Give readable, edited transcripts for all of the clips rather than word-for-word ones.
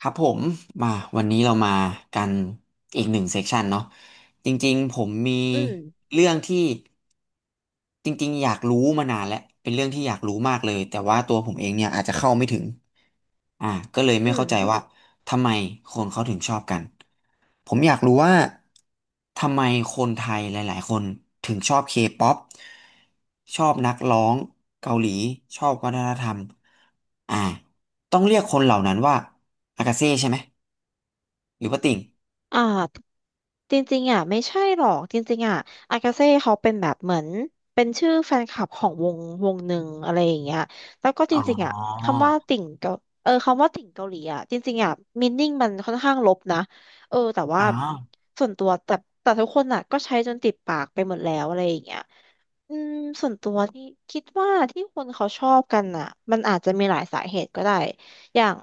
ครับผมมาวันนี้เรามากันอีกหนึ่งเซกชันเนาะจริงๆผมมีอืมเรื่องที่จริงๆอยากรู้มานานแล้วเป็นเรื่องที่อยากรู้มากเลยแต่ว่าตัวผมเองเนี่ยอาจจะเข้าไม่ถึงอ่าก็เลยอืไม่ม เข้าใจว่าทำไมคนเขาถึงชอบกันผมอยากรู้ว่าทำไมคนไทยหลายๆคนถึงชอบเคป๊อปชอบนักร้องเกาหลีชอบวัฒนธรรมอ่าต้องเรียกคนเหล่านั้นว่าอากาเซ่ใช่ไหม หรือว่าติ่งอ่าจริงๆอ่ะไม่ใช่หรอก จริงๆอ่ะอากาเซ่เขาเป็นแบบเหมือนเป็นชื่อแฟนคลับของวงหนึ่งอะไรอย่างเงี้ยแล้วก็จอ๋อริงๆอ่ะคำว่าติ่งเกาคำว่าติ่งเกาหลีอ่ะจริงๆอ่ะมีนิ่งมันค่อนข้างลบนะเออแต่อ๋ว่าอส่วนตัวแต่ทุกคนอ่ะก็ใช้จนติดปากไปหมดแล้วอะไรอย่างเงี้ยอืม ส่วนตัวที่คิดว่าที่คนเขาชอบกันอ่ะมันอาจจะมีหลายสาเหตุก็ได้อย่าง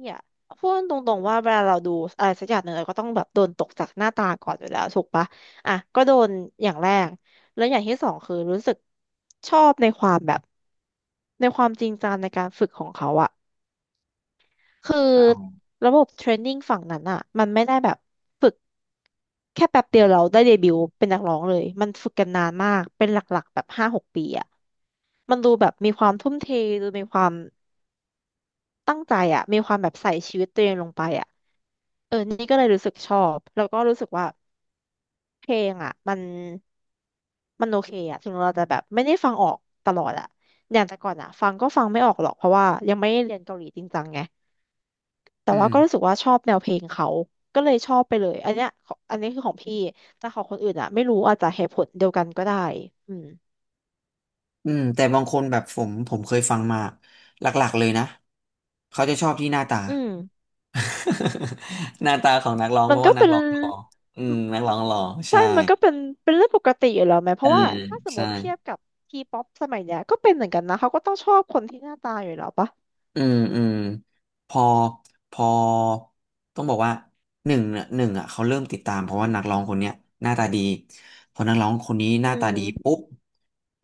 เนี่ยพูดตรงๆว่าเวลาเราดูอะไรสักอย่างหนึ่งเราก็ต้องแบบโดนตกจากหน้าตาก่อนอยู่แล้วถูกปะอ่ะก็โดนอย่างแรกแล้วอย่างที่สองคือรู้สึกชอบในความแบบในความจริงจังในการฝึกของเขาอะคืออ๋อระบบเทรนนิ่งฝั่งนั้นอะมันไม่ได้แบบฝึกแค่แป๊บเดียวเราได้เดบิวต์เป็นนักร้องเลยมันฝึกกันนานมากเป็นหลักๆแบบห้าหกปีอะมันดูแบบมีความทุ่มเทดูมีความตั้งใจอะมีความแบบใส่ชีวิตตัวเองลงไปอะ เออนี่ก็เลยรู้สึกชอบแล้วก็รู้สึกว่าเพลงอ่ะมันโอเคอ่ะถึงเราจะแบบไม่ได้ฟังออกตลอดอ่ะอย่างแต่ก่อนอ่ะฟังก็ฟังไม่ออกหรอกเพราะว่ายังไม่ได้เรียนเกาหลีจริงจังไงแต่อืว่ามก็รู้สึกว่าชอบแนวเพลงเขาก็เลยชอบไปเลยอันเนี้ยของอันนี้คือของพี่แต่ของคนอื่นอ่ะไม่รู้อาจจะเหตุผลเดียวกันก็ได้อืมอืมแต่บางคนแบบผมเคยฟังมาหลักๆเลยนะ เขาจะชอบที่หน้าตา อืม หน้าตาของนักร้องมัเพนราะก็ว่านักเป็นร้องหล่ออืม นักร้องหล่อใช่ใช่มันก็เป็นเป็นเรื่องปกติอยู่แล้วไหมเพเอืราะว่ามถ้าสมมใช่ ติเทียบกับทีป๊อปสมัยเนี้ยก็เป็นเหมือนกันนะเขาก็ต้องชอบคนที่หน้าตาอยู่แล้วปะ อืมอืมพอพอต้องบอกว่าหนึ่งเนี่ยหนึ่งอ่ะเขาเริ่มติดตามเพราะว่านักร้องคนเนี้ยหน้าตาดีพอนักร้องคนนี้หอืน้าตาดีม ปุ๊บ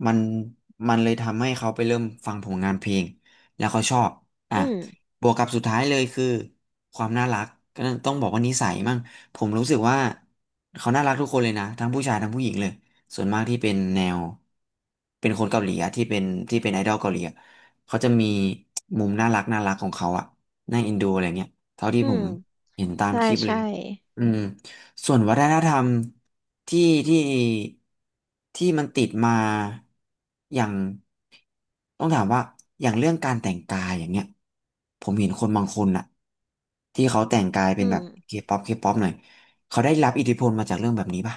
มันมันเลยทำให้เขาไปเริ่มฟังผลงานเพลงแล้วเขาชอบอ่ะอืม บวกกับสุดท้ายเลยคือความน่ารักก็ต้องบอกว่านิสัยมั่งผมรู้สึกว่าเขาน่ารักทุกคนเลยนะทั้งผู้ชายทั้งผู้หญิงเลยส่วนมากที่เป็นแนวเป็นคนเกาหลีอะที่เป็นที่เป็นไอดอลเกาหลีอะ เขาจะมีมุมน่ารักน่ารักของเขาอะน่าเอ็นดูอะไรเงี้ย เท่าที่อืผม มเห็นตามใช่ คลิปเลใช่ ยอืมส่วนวัฒนธรรมที่ที่ที่มันติดมาอย่างต้องถามว่าอย่างเรื่องการแต่งกายอย่างเงี้ยผมเห็นคนบางคนอะที่เขาแต่งกายเป็อืนแบม บเคป๊อปเคป๊อปหน่อยเขาได้รับอิทธิพลมาจากเรื่องแบบนี้ป่ะ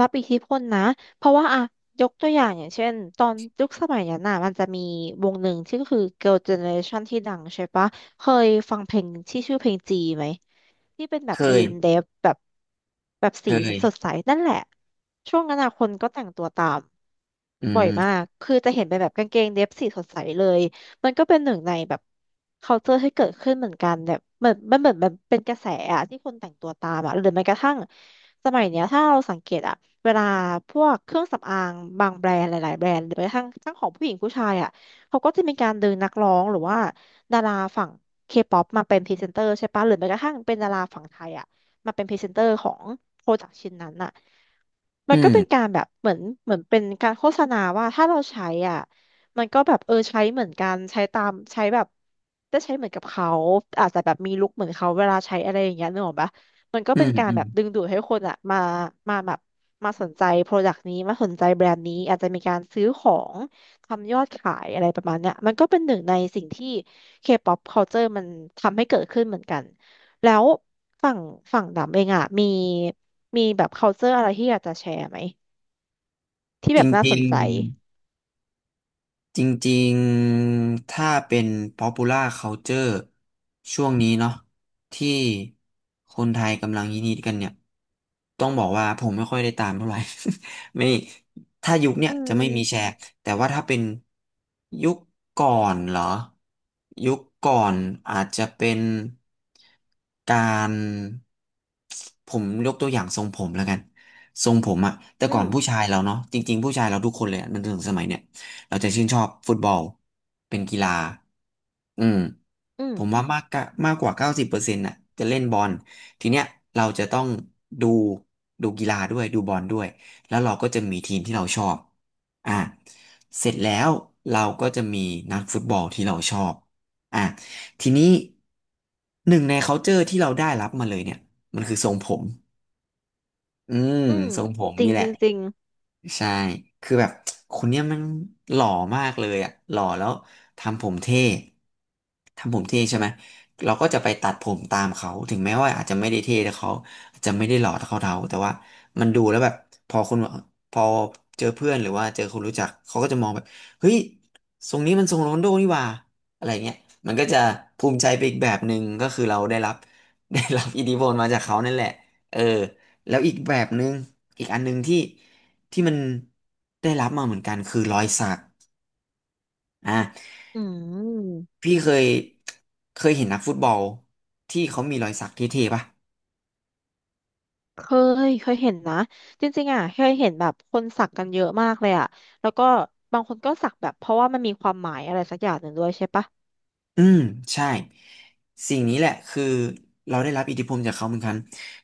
รับอิทธิพลนะ เพราะว่าอะยกตัวอย่างอย่างเช่น ตอนยุคสมัยนั้นน่ะมันจะมีวงหนึ่งที่ก็คือ Girl Generation ที่ดังใช่ปะ เคยฟังเพลงที่ชื่อเพลงจีไหม ที่เป็นแบเคบยียนเดฟแบบแบบเคสียสดใสนั่นแหละช่วงนั้นอะคนก็แต่งตัวตามอืบ่อยมามกคือจะเห็นเป็นแบบกางเกงเดฟสีสดใสเลยมันก็เป็นหนึ่งในแบบ culture ที่เกิดขึ้นเหมือนกันแบบเหมือนมันเป็นกระแสอะที่คนแต่งตัวตามอะหรือแม้กระทั่งสมัยเนี้ยถ้าเราสังเกตอะเวลาพวกเครื่องสำอางบางแบรนด์หลายๆแบรนด์หรือแม้กระทั่งทั้งของผู้หญิงผู้ชายอะเขาก็จะมีการดึงนักร้องหรือว่า ดาราฝั่งเคป๊อปมาเป็นพรีเซนเตอร์ใช่ปะหรือแม้กระทั่งเป็นดาราฝั่งไทยอ่ะมาเป็นพรีเซนเตอร์ของโปรดักต์ชิ้นนั้นอ่ะ มันอืก็มเป็นการแบบเหมือนเป็นการโฆษณาว่าถ้าเราใช้อ่ะมันก็แบบเออใช้เหมือนกันใช้ตามใช้แบบได้ใช้เหมือนกับเขาอาจจะแบบมีลุคเหมือนเขาเวลาใช้อะไรอย่างเงี้ยนึกออกปะมันก็อืเป็มนการอืแบมบดึงดูดให้คนอ่ะมาแบบมาสนใจโปรดักต์นี้มาสนใจแบรนด์นี้อาจจะมีการซื้อของทำยอดขายอะไรประมาณเนี้ยมันก็เป็นหนึ่งในสิ่งที่ K-pop culture มันทำให้เกิดขึ้นเหมือนกัน แล้วฝั่งฝั่งดำเองอ่ะมีแบบ culture อะไรที่อยากจะแชร์ไหมที่จแบริบงน่าจสริง นใจจริงๆ ถ้าเป็น popular culture ช่วงนี้เนาะที่คนไทยกำลังฮิตๆกันเนี่ยต้องบอกว่าผมไม่ค่อยได้ตามเท่าไหร่ ไม่ถ้ายุคเนี่ยอืจะไม่มีแชมร์แต่ว่าถ้าเป็นยุคก่อนเหรอยุคก่อนอาจจะเป็นการผมยกตัวอย่างทรงผมแล้วกันทรงผมอะแต่อืก่อนมผู้ชายเราเนาะจริงๆผู้ชายเราทุกคนเลยอะจนถึงสมัยเนี่ย เราจะชื่นชอบฟุตบอลเป็นกีฬาอืมอืมผมว่ามากกว่า90%น่ะจะเล่นบอลทีเนี้ยเราจะต้องดูดูกีฬาด้วยดูบอลด้วยแล้วเราก็จะมีทีมที่เราชอบอ่ะเสร็จแล้วเราก็จะมีนักฟุตบอลที่เราชอบอ่ะทีนี้หนึ่งใน culture ที่เราได้รับมาเลยเนี่ยมันคือทรงผมอืมอืมทรงผมจรินี่งแหจละ ริงจริงใช่คือแบบคนเนี้ยมันหล่อมากเลยอ่ะหล่อแล้วทำผมเท่ทำผมเท่ใช่ไหมเราก็จะไปตัดผมตามเขา ถึงแม้ว่าอาจจะไม่ได้เท่แต่เขาอาจจะไม่ได้หล่อเท่าเขาแต่ว่ามันดูแล้วแบบพอคนพอเจอเพื่อนหรือว่าเจอคนรู้จักเขาก็จะมองแบบเฮ้ยทรงนี้มันทรงโรนลโดนี่หว่าอะไรเงี้ยมันก็จะภูมิใจไปอีกแบบหนึ่งก็คือเราได้รับ ได้รับอิทธิพลมาจากเขานั่นแหละเออแล้วอีกแบบหนึ่งอีกอันหนึ่งที่มันได้รับมาเหมือนกันคือรอยสักอ่ะอืมพี่เคยเคยเห็นนักฟุตบอลที่เขามีรอยสักเท่ๆป่ะ เคเคยเห็นนะจริงๆอ่ะเคยเห็นแบบคนสักกันเยอะมากเลยอ่ะแล้วก็บางคนก็สักแบบเพราะว่ามันมีความหมายอะไรสักอย่างหนึ่งด้วยใช่ปะอืมใช่สิ่งนี้แหละคือเราได้รับอิทธิพลจากเขาเหมือนกัน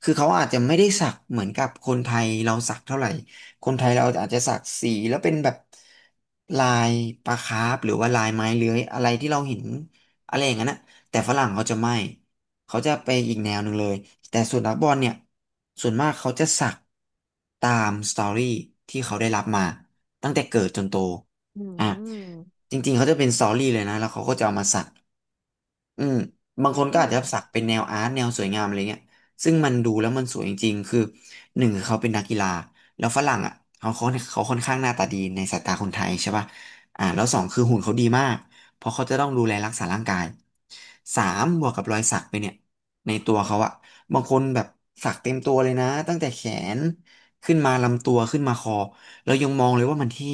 คือเขาอาจจะไม่ได้สักเหมือนกับคนไทยเราสักเท่าไหร่คนไทยเราอาจจะสักสีแล้วเป็นแบบลายปลาคาร์ฟหรือว่าลายไม้เลื้อยอะไรที่เราเห็นอะไรอย่างนั้นนะแต่ฝรั่งเขาจะไม่เขาจะไปอีกแนวหนึ่งเลยแต่ส่วนนักบอลเนี่ยส่วนมากเขาจะสักตามสตอรี่ที่เขาได้รับมาตั้งแต่เกิดจนโตอือ่ะ มจริงๆเขาจะเป็นสตอรี่เลยนะแล้วเขาก็จะเอามาสักอืมบางคนอืก็อามจจะสักเป็นแนวอาร์ตแนวสวยงามอะไรเงี้ยซึ่งมันดูแล้วมันสวยจริงๆคือหนึ่งคือเขาเป็นนักกีฬาแล้วฝรั่งอ่ะเขาค่อนข้างหน้าตาดีในสายตาคนไทยใช่ป่ะแล้วสองคือหุ่นเขาดีมากเพราะเขาจะต้องดูแลรักษาร่างกายสามบวกกับรอยสักไปเนี่ยในตัวเขาอ่ะบางคนแบบสักเต็มตัวเลยนะตั้งแต่แขนขึ้นมาลำตัวขึ้นมาคอเรายังมองเลยว่ามันเท่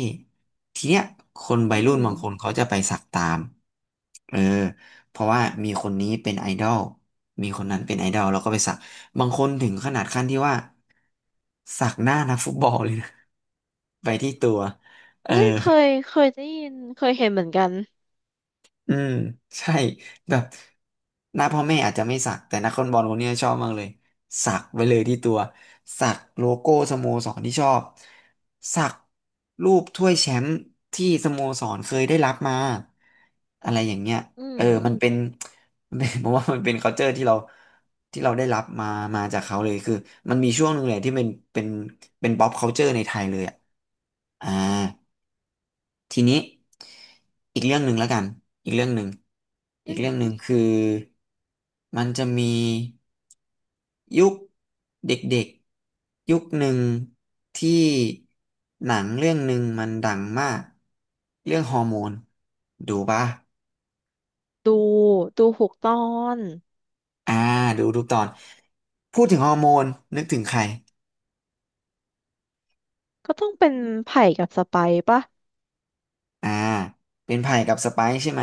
ทีเนี้ยคนวัอืยรุ่นมบางคนเขาจะไปสักตามเออเพราะว่ามีคนนี้เป็นไอดอล มีคนนั้นเป็นไอดอลแล้วก็ไปสัก บางคนถึงขนาดขั้นที่ว่าสักหน้านักฟุตบอลเลยนะ ไปที่ตัวเออ เฮ้ยเคยได้ยินเคยเห็นเหมือนกันอืมใช่แบบหน้าพ่อแม่อาจจะไม่สักแต่นักฟุบอลคนเนี้ยชอบมากเลยสักไว้เลยที่ตัวสักโลโก้สโมสรที่ชอบสักรูปถ้วยแชมป์ที่สโมสรเคยได้รับมาอะไรอย่างเงี้ยอืเอมอมันเป็น มันเป็น ผมว่ามันเป็น culture ที่เราได้รับมามาจากเขาเลยคือมันมีช่วงหนึ่งเลยที่เป็น pop culture ในไทยเลยอะอ่า ทีนี้อีกเรื่องหนึ่งแล้วกันอีกเรื่องหนึ่งอีอืกมเรื่องหนึ่งคือมันจะมียุคเด็กๆยุคหนึ่งที่หนังเรื่องหนึ่งมันดังมากเรื่องฮอร์โมนดูปะดูดูหูกตอน อ่าดูทุกตอนพูดถึงฮอร์โมนนึกถึงใครก็ต้องเป็นไผ่กับสไปร์ป่ะอ่าเป็นไผ่กับสไปซ์ใช่ไหม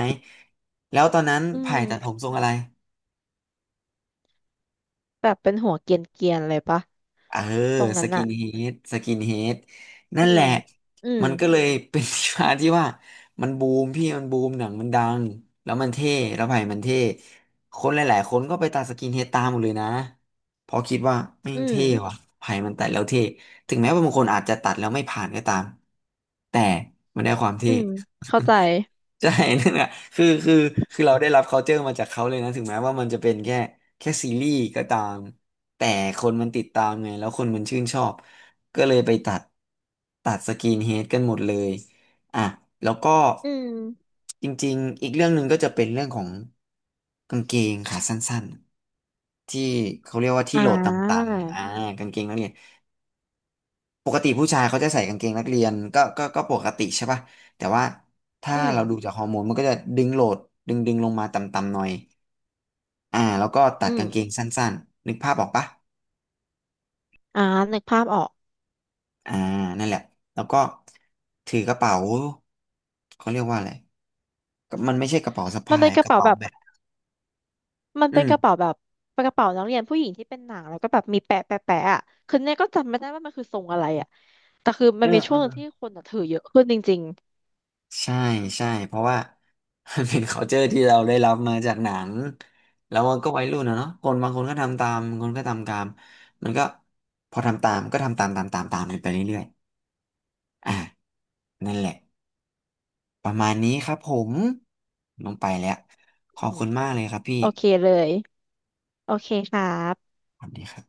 แล้วตอนนั้นอืไผ่ตัดผมมทรงอะไร แบบเป็นหัวเกรียนเกียนเลยป่ะเออตรงสนั้นกิอะนเฮดสกินเฮดนั่อืนแหมละอืมมันก็เลยเป็น ที่มาที่ว่ามันบูมพี่มันบูมหนังมันดังแล้วมันเท่แล้วไผ่มันเท่คนหลายๆคนก็ไปตัดสกินเฮดตามหมดเลยนะเพราะคิดว่าแม่อืงมเท่ว่ะไผ่มันตัดแล้วเท่ถึงแม้ว่าบางคนอาจจะตัดแล้วไม่ผ่านก็ตามแต่มันได้ความเท่ อืมเข้าใจใช่ นั่นแหละคือคือคือเราได้รับ culture มาจากเขาเลยนะถึงแม้ว่ามันจะเป็นแค่แค่ซีรีส์ก็ตามแต่คนมันติดตามไงแล้วคนมันชื่นชอบก็เลยไปตัดสกรีนเฮดกันหมดเลยอ่ะแล้วก็อืมจริงๆอีกเรื่องหนึ่งก็จะเป็นเรื่องของกางเกงขาสั้นๆที่เขาเรียกว่าที่อ่โหลดตา่ำๆกางเกงนักเรียน ปกติผู้ชายเขาจะใส่กางเกงนักเรียนก็ปกติใช่ป่ะแต่ว่าถ้าอืมเราดูจากฮอร์โมนมันก็จะดึงโหลดดึงลงมาต่ำๆหน่อยแล้วก็ตัอืดกางเกงมสั้นๆนึกภาพออกป่ะอ่านึกภาพออกอ่านั่นแหละแล้วก็ถือกระเป๋าเขาเรียกว่าอะไรก็มันไม่ใช่กระเป๋าสะมันพาเป็ยนกกระระเป๋าเป๋าแบบแบบมันอืเป็นมกระเป๋าแบบเป็นกระเป๋านักเรียนผู้หญิงที่เป็นหนังแล้วก็แบบมีแปะแปะแปะอะคือเนี่ยก็จำไม่ได้ว่ามันคือทรงอะไรอะแต่คือมัเอนมีช่วงหนึ่งอ ที่คนอะถือเยอะขึ้นจริงใช่ใช่เพราะว่า มันเป็น culture ที่เราได้รับมาจากหนังแล้วมันก็วัยรุ่นนะเนาะคนบางคนก็ทำตามบางคนก็ทำตามมันก็พอทำตามก็ทำตามตามกันไปเรื่อยๆอ่ะนั่นแหละประมาณนี้ครับผมลงไปแล้วๆขอือบมคุณมากเลยครับพี่โอเคเลย โอเคครับสวัสดีครับ